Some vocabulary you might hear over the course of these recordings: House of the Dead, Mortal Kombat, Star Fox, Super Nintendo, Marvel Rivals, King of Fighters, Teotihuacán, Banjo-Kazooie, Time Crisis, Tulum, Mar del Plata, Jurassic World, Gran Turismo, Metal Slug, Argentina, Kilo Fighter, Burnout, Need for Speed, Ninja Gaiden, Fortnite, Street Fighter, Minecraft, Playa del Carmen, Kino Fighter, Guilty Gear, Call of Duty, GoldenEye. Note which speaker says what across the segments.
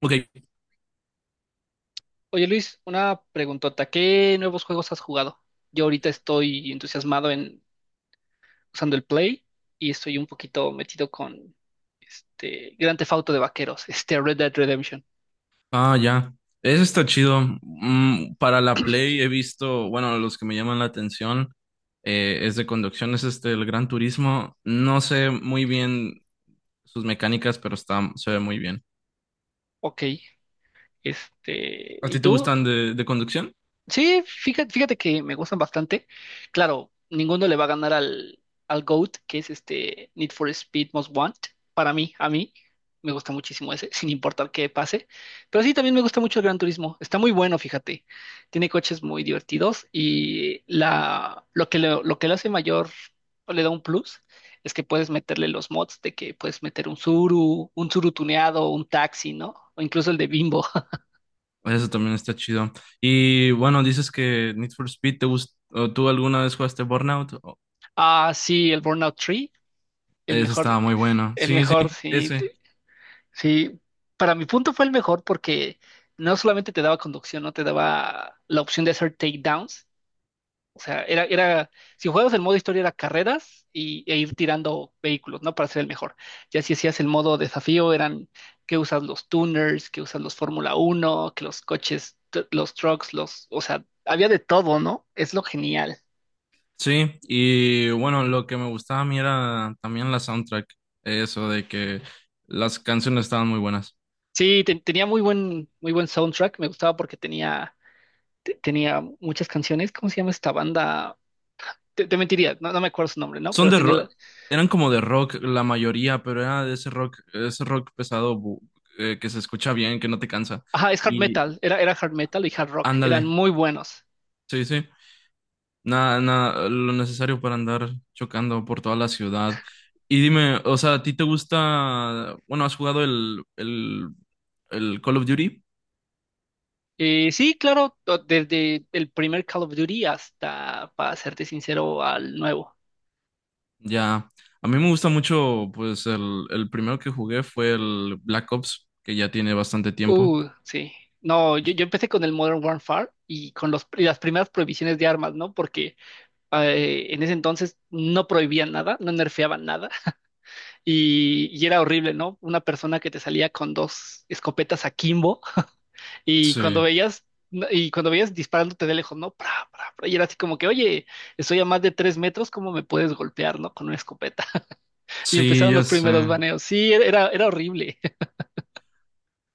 Speaker 1: Ok,
Speaker 2: Oye Luis, una preguntota. ¿Qué nuevos juegos has jugado? Yo ahorita estoy entusiasmado en usando el Play y estoy un poquito metido con este Grand Theft Auto de vaqueros, este Red Dead Redemption.
Speaker 1: ah, ya. Eso está chido. Para la Play he visto, bueno, los que me llaman la atención es de conducción, es este, el Gran Turismo. No sé muy bien sus mecánicas, pero está, se ve muy bien.
Speaker 2: Ok,
Speaker 1: ¿A
Speaker 2: ¿y
Speaker 1: ti te
Speaker 2: tú?
Speaker 1: gustan de conducción?
Speaker 2: Sí, fíjate, fíjate que me gustan bastante. Claro, ninguno le va a ganar al GOAT, que es este Need for Speed Most Want. Para mí, a mí, me gusta muchísimo ese, sin importar qué pase. Pero sí, también me gusta mucho el Gran Turismo. Está muy bueno, fíjate. Tiene coches muy divertidos y la, lo que le hace mayor o le da un plus es que puedes meterle los mods de que puedes meter un Zuru tuneado, un taxi, ¿no? O incluso el de Bimbo.
Speaker 1: Eso también está chido. Y bueno, dices que Need for Speed te gusta, ¿tú alguna vez jugaste Burnout? Oh,
Speaker 2: Ah, sí, el Burnout Tree el
Speaker 1: eso
Speaker 2: mejor.
Speaker 1: estaba muy bueno.
Speaker 2: El
Speaker 1: Sí, sí,
Speaker 2: mejor, sí,
Speaker 1: ese.
Speaker 2: sí. Para mi punto fue el mejor porque no solamente te daba conducción, no te daba la opción de hacer takedowns. O sea, era, si jugabas el modo historia era carreras e ir tirando vehículos, ¿no? Para ser el mejor. Ya si hacías el modo desafío eran que usas los tuners, que usas los Fórmula 1 que los coches, los trucks, o sea, había de todo, ¿no? Es lo genial.
Speaker 1: Sí, y bueno, lo que me gustaba a mí era también la soundtrack, eso de que las canciones estaban muy buenas.
Speaker 2: Sí, tenía muy buen soundtrack, me gustaba porque tenía muchas canciones. ¿Cómo se llama esta banda? Te mentiría, no me acuerdo su nombre, ¿no?
Speaker 1: Son
Speaker 2: Pero
Speaker 1: de
Speaker 2: tenía la.
Speaker 1: rock, eran como de rock la mayoría, pero era de ese rock pesado que se escucha bien, que no te cansa.
Speaker 2: Ajá, es hard
Speaker 1: Y
Speaker 2: metal, era hard metal y hard rock, eran
Speaker 1: ándale,
Speaker 2: muy buenos.
Speaker 1: sí, sí, nada, nada, lo necesario para andar chocando por toda la ciudad. Y dime, o sea, ¿a ti te gusta, bueno, has jugado el Call of Duty?
Speaker 2: Sí, claro, desde el primer Call of Duty hasta, para serte sincero, al nuevo.
Speaker 1: Ya, a mí me gusta mucho, pues el primero que jugué fue el Black Ops, que ya tiene bastante tiempo.
Speaker 2: Sí. No, yo empecé con el Modern Warfare y con los, y las primeras prohibiciones de armas, ¿no? Porque en ese entonces no prohibían nada, no nerfeaban nada y era horrible, ¿no? Una persona que te salía con dos escopetas a Kimbo. Y cuando
Speaker 1: Sí,
Speaker 2: veías, y cuando veías disparándote de lejos, ¿no? Pra, pra, pra, y era así como que, oye, estoy a más de 3 metros, ¿cómo me puedes golpear, ¿no? Con una escopeta. Y
Speaker 1: sí,
Speaker 2: empezaron
Speaker 1: ya
Speaker 2: los
Speaker 1: sé.
Speaker 2: primeros baneos. Sí, era horrible.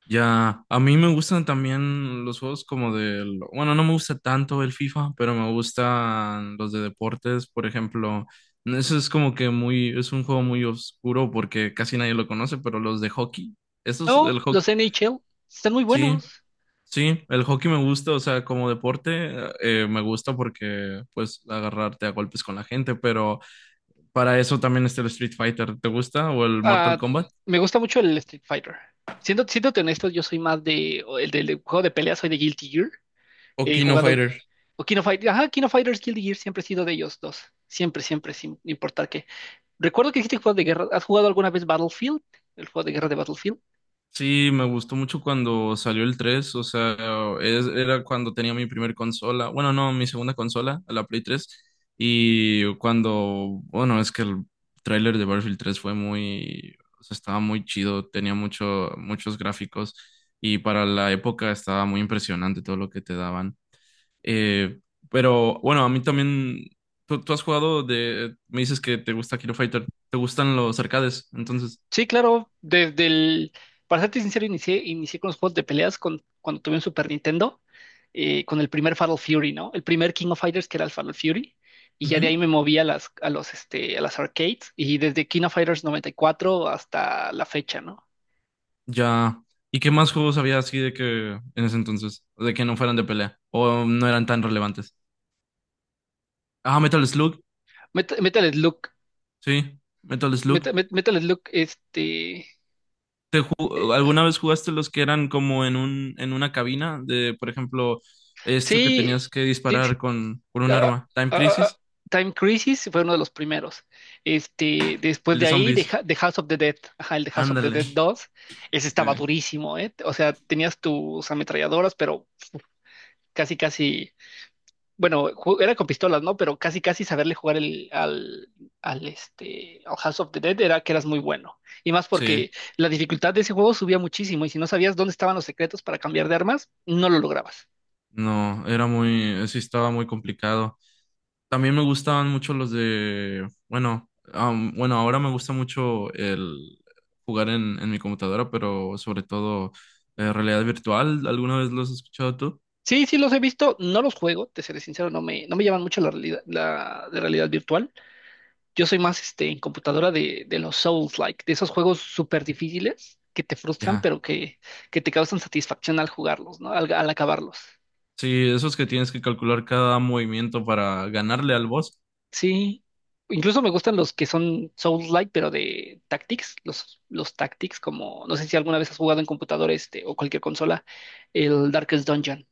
Speaker 1: Ya, a mí me gustan también los juegos como del, bueno, no me gusta tanto el FIFA, pero me gustan los de deportes, por ejemplo. Eso es como que muy, es un juego muy oscuro porque casi nadie lo conoce, pero los de hockey, esos,
Speaker 2: No,
Speaker 1: el hockey,
Speaker 2: los NHL están muy
Speaker 1: sí.
Speaker 2: buenos.
Speaker 1: Sí, el hockey me gusta, o sea, como deporte me gusta porque pues agarrarte a golpes con la gente, pero para eso también está el Street Fighter. ¿Te gusta? ¿O el Mortal
Speaker 2: Ah,
Speaker 1: Kombat?
Speaker 2: me gusta mucho el Street Fighter. Siéndote honesto, yo soy más o el del juego de pelea, soy de Guilty Gear.
Speaker 1: ¿O
Speaker 2: He
Speaker 1: Kino
Speaker 2: jugado,
Speaker 1: Fighter?
Speaker 2: o King of Fighters, ajá, King of Fighters, Guilty Gear, siempre he sido de ellos dos. Siempre, siempre, sin importar qué. Recuerdo que dijiste juegos de guerra. ¿Has jugado alguna vez Battlefield? El juego de guerra de Battlefield.
Speaker 1: Sí, me gustó mucho cuando salió el 3, o sea, era cuando tenía mi primer consola, bueno, no, mi segunda consola, la Play 3, y cuando, bueno, es que el tráiler de Battlefield 3 fue muy, o sea, estaba muy chido, tenía muchos gráficos, y para la época estaba muy impresionante todo lo que te daban. Eh, pero, bueno, a mí también, tú has jugado de, me dices que te gusta Kilo Fighter, ¿te gustan los arcades? Entonces...
Speaker 2: Sí, claro. Desde el. Para serte sincero, inicié con los juegos de peleas con, cuando tuve un Super Nintendo, con el primer Fatal Fury, ¿no? El primer King of Fighters que era el Fatal Fury. Y ya de ahí me moví a las, a los, este, a las arcades. Y desde King of Fighters 94 hasta la fecha, ¿no?
Speaker 1: Ya. ¿Y qué más juegos había así de que en ese entonces? De que no fueran de pelea. O no eran tan relevantes. Ah, Metal Slug.
Speaker 2: Metal Slug.
Speaker 1: Sí, Metal
Speaker 2: Meta-
Speaker 1: Slug.
Speaker 2: Met- Metal Slug, este. eh,
Speaker 1: ¿Alguna vez jugaste los que eran como en una cabina? De, por ejemplo, este que
Speaker 2: sí,
Speaker 1: tenías que
Speaker 2: ti-
Speaker 1: disparar con un
Speaker 2: ah,
Speaker 1: arma. Time
Speaker 2: ah, ah, ah, ah.
Speaker 1: Crisis,
Speaker 2: Time Crisis fue uno de los primeros. Después
Speaker 1: el de
Speaker 2: de ahí, The,
Speaker 1: zombies.
Speaker 2: Ha- The House of the Dead, ajá, el The House of the
Speaker 1: Ándale.
Speaker 2: Dead 2. Ese estaba
Speaker 1: Sí.
Speaker 2: durísimo, ¿eh? O sea, tenías tus ametralladoras, pero casi, casi, bueno, era con pistolas, ¿no? Pero casi, casi saberle jugar el, al, al, este, al House of the Dead era que eras muy bueno. Y más
Speaker 1: Sí.
Speaker 2: porque la dificultad de ese juego subía muchísimo y si no sabías dónde estaban los secretos para cambiar de armas, no lo lograbas.
Speaker 1: No, era muy, sí estaba muy complicado. También me gustaban mucho los de, bueno, bueno, ahora me gusta mucho el jugar en mi computadora, pero sobre todo realidad virtual. ¿Alguna vez los has escuchado tú?
Speaker 2: Sí, sí los he visto, no los juego, te seré sincero, no me llaman mucho la de realidad virtual. Yo soy más en computadora de los Souls-like, de esos juegos súper difíciles que te frustran,
Speaker 1: Ya.
Speaker 2: pero que te causan satisfacción al jugarlos, ¿no? Al acabarlos.
Speaker 1: Sí, esos que tienes que calcular cada movimiento para ganarle al boss.
Speaker 2: Sí. Incluso me gustan los que son Souls-like, pero de Tactics, los Tactics, como no sé si alguna vez has jugado en computadora o cualquier consola, el Darkest Dungeon.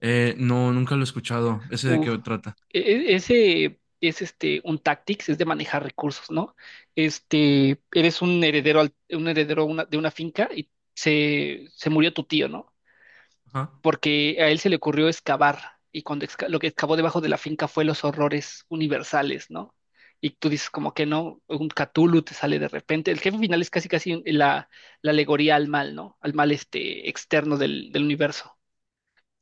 Speaker 1: No, nunca lo he escuchado. ¿Ese de
Speaker 2: Uf,
Speaker 1: qué trata?
Speaker 2: ese es un tactics, es de manejar recursos, ¿no? Eres un heredero de una finca y se murió tu tío, ¿no?
Speaker 1: Ajá.
Speaker 2: Porque a él se le ocurrió excavar y cuando lo que excavó debajo de la finca fue los horrores universales, ¿no? Y tú dices como que no, un Cthulhu te sale de repente. El jefe final es casi casi la alegoría al mal, ¿no? Al mal externo del universo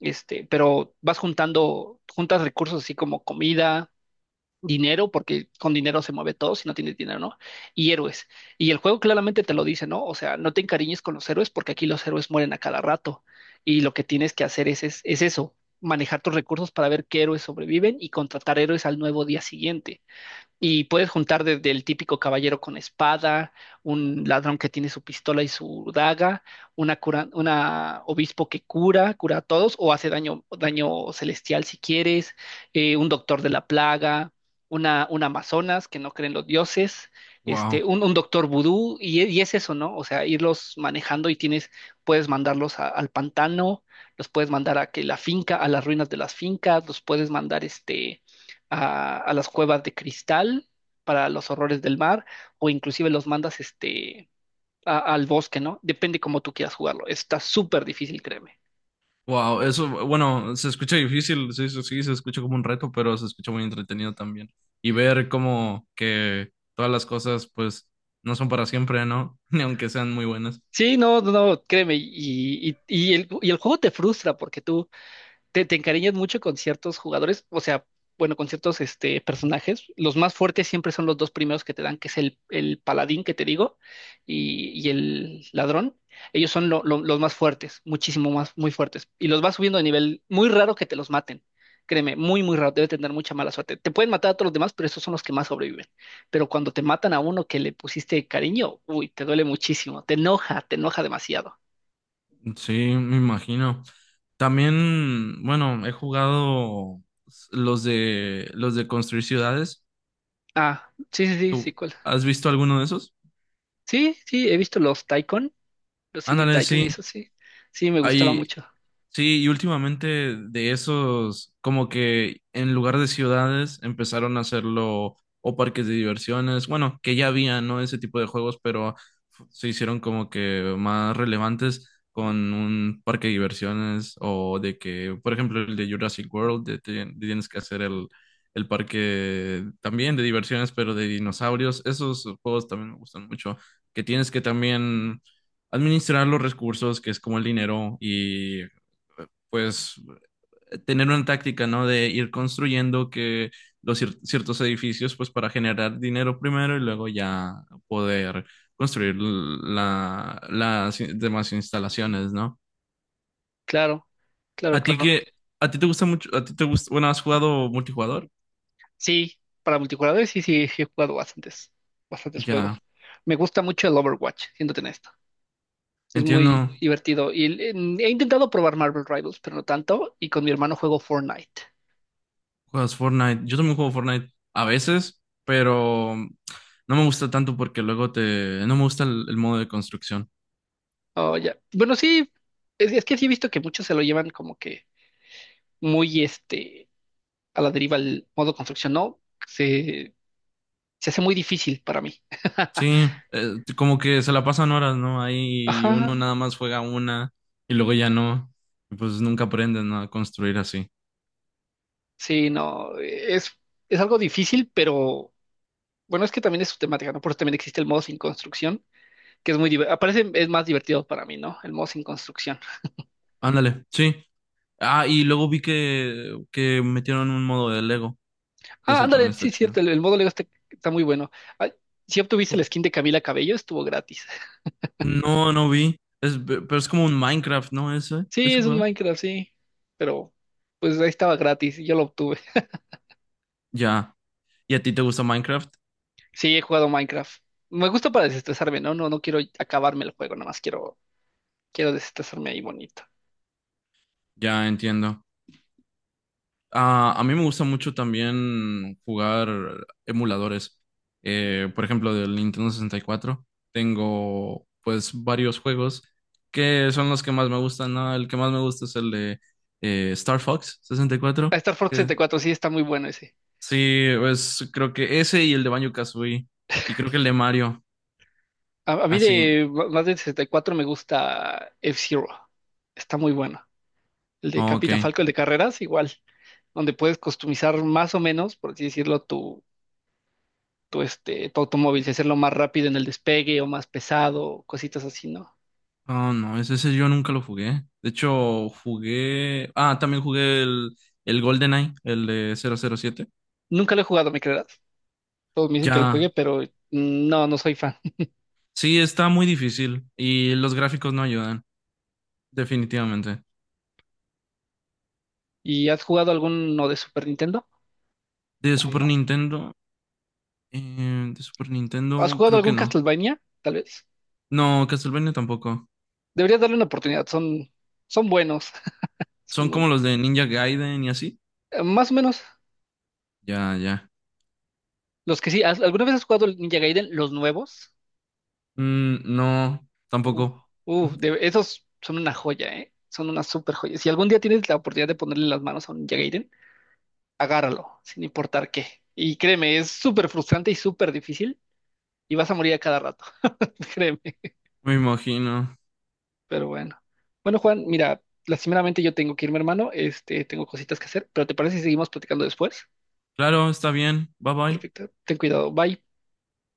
Speaker 2: este, pero vas juntas recursos así como comida, dinero, porque con dinero se mueve todo si no tienes dinero, ¿no? Y héroes. Y el juego claramente te lo dice, ¿no? O sea, no te encariñes con los héroes porque aquí los héroes mueren a cada rato. Y lo que tienes que hacer es eso, manejar tus recursos para ver qué héroes sobreviven y contratar héroes al nuevo día siguiente. Y puedes juntar desde el típico caballero con espada, un ladrón que tiene su pistola y su daga, una cura, una obispo que cura, cura a todos, o hace daño, daño celestial si quieres, un doctor de la plaga, un amazonas que no creen los dioses,
Speaker 1: Wow.
Speaker 2: un doctor vudú, y es eso, ¿no? O sea, irlos manejando y tienes, puedes mandarlos al pantano, los puedes mandar a las ruinas de las fincas, los puedes mandar a las cuevas de cristal para los horrores del mar, o inclusive los mandas al bosque, ¿no? Depende cómo tú quieras jugarlo. Está súper difícil, créeme.
Speaker 1: Wow, eso, bueno, se escucha difícil, sí, sí, sí, se escucha como un reto, pero se escucha muy entretenido también. Y ver como que todas las cosas, pues, no son para siempre, ¿no? Ni aunque sean muy buenas.
Speaker 2: Sí, no, no, no, créeme, y el juego te frustra porque tú te encariñas mucho con ciertos jugadores, o sea, bueno, con ciertos personajes. Los más fuertes siempre son los dos primeros que te dan, que es el paladín que te digo y el ladrón. Ellos son los más fuertes, muchísimo más, muy fuertes. Y los vas subiendo de nivel, muy raro que te los maten. Créeme, muy, muy raro, debe tener mucha mala suerte. Te pueden matar a todos los demás, pero esos son los que más sobreviven. Pero cuando te matan a uno que le pusiste cariño, uy, te duele muchísimo, te enoja demasiado.
Speaker 1: Sí, me imagino. También, bueno, he jugado los de construir ciudades.
Speaker 2: Ah, sí, sí, sí,
Speaker 1: ¿Tú
Speaker 2: sí, ¿cuál?
Speaker 1: has visto alguno de esos?
Speaker 2: Sí, sí, he visto los Taikon. Los City
Speaker 1: Ándale,
Speaker 2: Tycoon,
Speaker 1: sí.
Speaker 2: eso sí. Sí, me gustaba
Speaker 1: Hay,
Speaker 2: mucho.
Speaker 1: sí, y últimamente de esos, como que en lugar de ciudades empezaron a hacerlo o parques de diversiones, bueno, que ya había, ¿no? Ese tipo de juegos, pero se hicieron como que más relevantes con un parque de diversiones o de que, por ejemplo, el de Jurassic World, de tienes que hacer el parque también de diversiones, pero de dinosaurios. Esos juegos también me gustan mucho, que tienes que también administrar los recursos, que es como el dinero y pues tener una táctica, ¿no? De ir construyendo que los ciertos edificios, pues para generar dinero primero y luego ya poder construir las demás instalaciones, ¿no?
Speaker 2: Claro, claro,
Speaker 1: A ti que,
Speaker 2: claro.
Speaker 1: a ti te gusta mucho, a ti te gusta, bueno, ¿has jugado multijugador?
Speaker 2: Sí, para multijugador sí, sí, sí he jugado bastantes, bastantes
Speaker 1: Ya,
Speaker 2: juegos. Me gusta mucho el Overwatch, siéndote en esto. Es muy
Speaker 1: entiendo,
Speaker 2: divertido. He intentado probar Marvel Rivals, pero no tanto. Y con mi hermano juego Fortnite.
Speaker 1: juegas Fortnite, yo también juego Fortnite a veces, pero no me gusta tanto porque no me gusta el modo de construcción.
Speaker 2: Oh, ya. Bueno, sí, es que sí he visto que muchos se lo llevan como que muy a la deriva el modo construcción. No, se, se hace muy difícil para mí.
Speaker 1: Sí, como que se la pasan horas, ¿no? Ahí
Speaker 2: Ajá.
Speaker 1: uno nada más juega una y luego ya no. Y pues nunca aprenden a construir así.
Speaker 2: Sí, no, es algo difícil, pero bueno, es que también es su temática, ¿no? Por eso también existe el modo sin construcción, que es muy divertido, aparece, es más divertido para mí, ¿no? El modo sin construcción.
Speaker 1: Ándale, sí. Ah, y luego vi que metieron un modo de Lego.
Speaker 2: Ah,
Speaker 1: Eso
Speaker 2: ándale,
Speaker 1: también
Speaker 2: sí,
Speaker 1: está
Speaker 2: es
Speaker 1: chido.
Speaker 2: cierto, el modo Lego está, está muy bueno. Ah, si obtuviste el skin de Camila Cabello, estuvo gratis.
Speaker 1: No, no vi. Es, pero es como un Minecraft, ¿no? Ese,
Speaker 2: Sí,
Speaker 1: ese
Speaker 2: es un
Speaker 1: juego.
Speaker 2: Minecraft, sí, pero pues ahí estaba gratis y yo lo obtuve.
Speaker 1: Ya. ¿Y a ti te gusta Minecraft?
Speaker 2: Sí, he jugado Minecraft. Me gusta para desestresarme, ¿no? No, no quiero acabarme el juego, nada más quiero, quiero desestresarme ahí bonito.
Speaker 1: Ya entiendo. Ah, a mí me gusta mucho también jugar emuladores. Por ejemplo, del Nintendo 64 tengo pues varios juegos que son los que más me gustan, ¿no? El que más me gusta es el de Star Fox sesenta y
Speaker 2: Ah,
Speaker 1: cuatro
Speaker 2: Star Fox
Speaker 1: que
Speaker 2: 74 sí, está muy bueno ese.
Speaker 1: sí, pues creo que ese y el de Banjo-Kazooie y creo que el de Mario,
Speaker 2: A mí
Speaker 1: así.
Speaker 2: de más del 64 me gusta F-Zero. Está muy bueno. El de
Speaker 1: Ok.
Speaker 2: Capitán Falco, el de carreras, igual, donde puedes customizar más o menos, por así decirlo, tu automóvil, si hacerlo más rápido en el despegue o más pesado, cositas así, ¿no?
Speaker 1: Oh, no, ese yo nunca lo jugué. De hecho, jugué... Ah, también jugué el GoldenEye, el de 007.
Speaker 2: Nunca lo he jugado, ¿me creerás? Todos me dicen que lo
Speaker 1: Ya,
Speaker 2: juegue, pero no, no soy fan.
Speaker 1: sí, está muy difícil y los gráficos no ayudan, definitivamente.
Speaker 2: ¿Y has jugado alguno de Super Nintendo?
Speaker 1: De
Speaker 2: ¿O
Speaker 1: Super
Speaker 2: no?
Speaker 1: Nintendo, de Super
Speaker 2: ¿Has
Speaker 1: Nintendo
Speaker 2: jugado
Speaker 1: creo que
Speaker 2: algún
Speaker 1: no.
Speaker 2: Castlevania? Tal vez.
Speaker 1: No, Castlevania tampoco.
Speaker 2: Deberías darle una oportunidad, son buenos,
Speaker 1: Son
Speaker 2: son
Speaker 1: como
Speaker 2: buenos.
Speaker 1: los de Ninja Gaiden y así.
Speaker 2: Más o menos.
Speaker 1: Ya, ya.
Speaker 2: Los que sí, ¿alguna vez has jugado el Ninja Gaiden, los nuevos?
Speaker 1: Mm, no,
Speaker 2: Uf,
Speaker 1: tampoco.
Speaker 2: uf, esos son una joya, ¿eh? Son una super joya. Si algún día tienes la oportunidad de ponerle las manos a un Ninja Gaiden, agárralo, sin importar qué. Y créeme, es súper frustrante y súper difícil, y vas a morir a cada rato, créeme.
Speaker 1: Me imagino.
Speaker 2: Pero bueno. Bueno, Juan, mira, lastimeramente yo tengo que irme, hermano. Tengo cositas que hacer, pero ¿te parece si seguimos platicando después?
Speaker 1: Claro, está bien. Bye bye.
Speaker 2: Perfecto, ten cuidado, bye.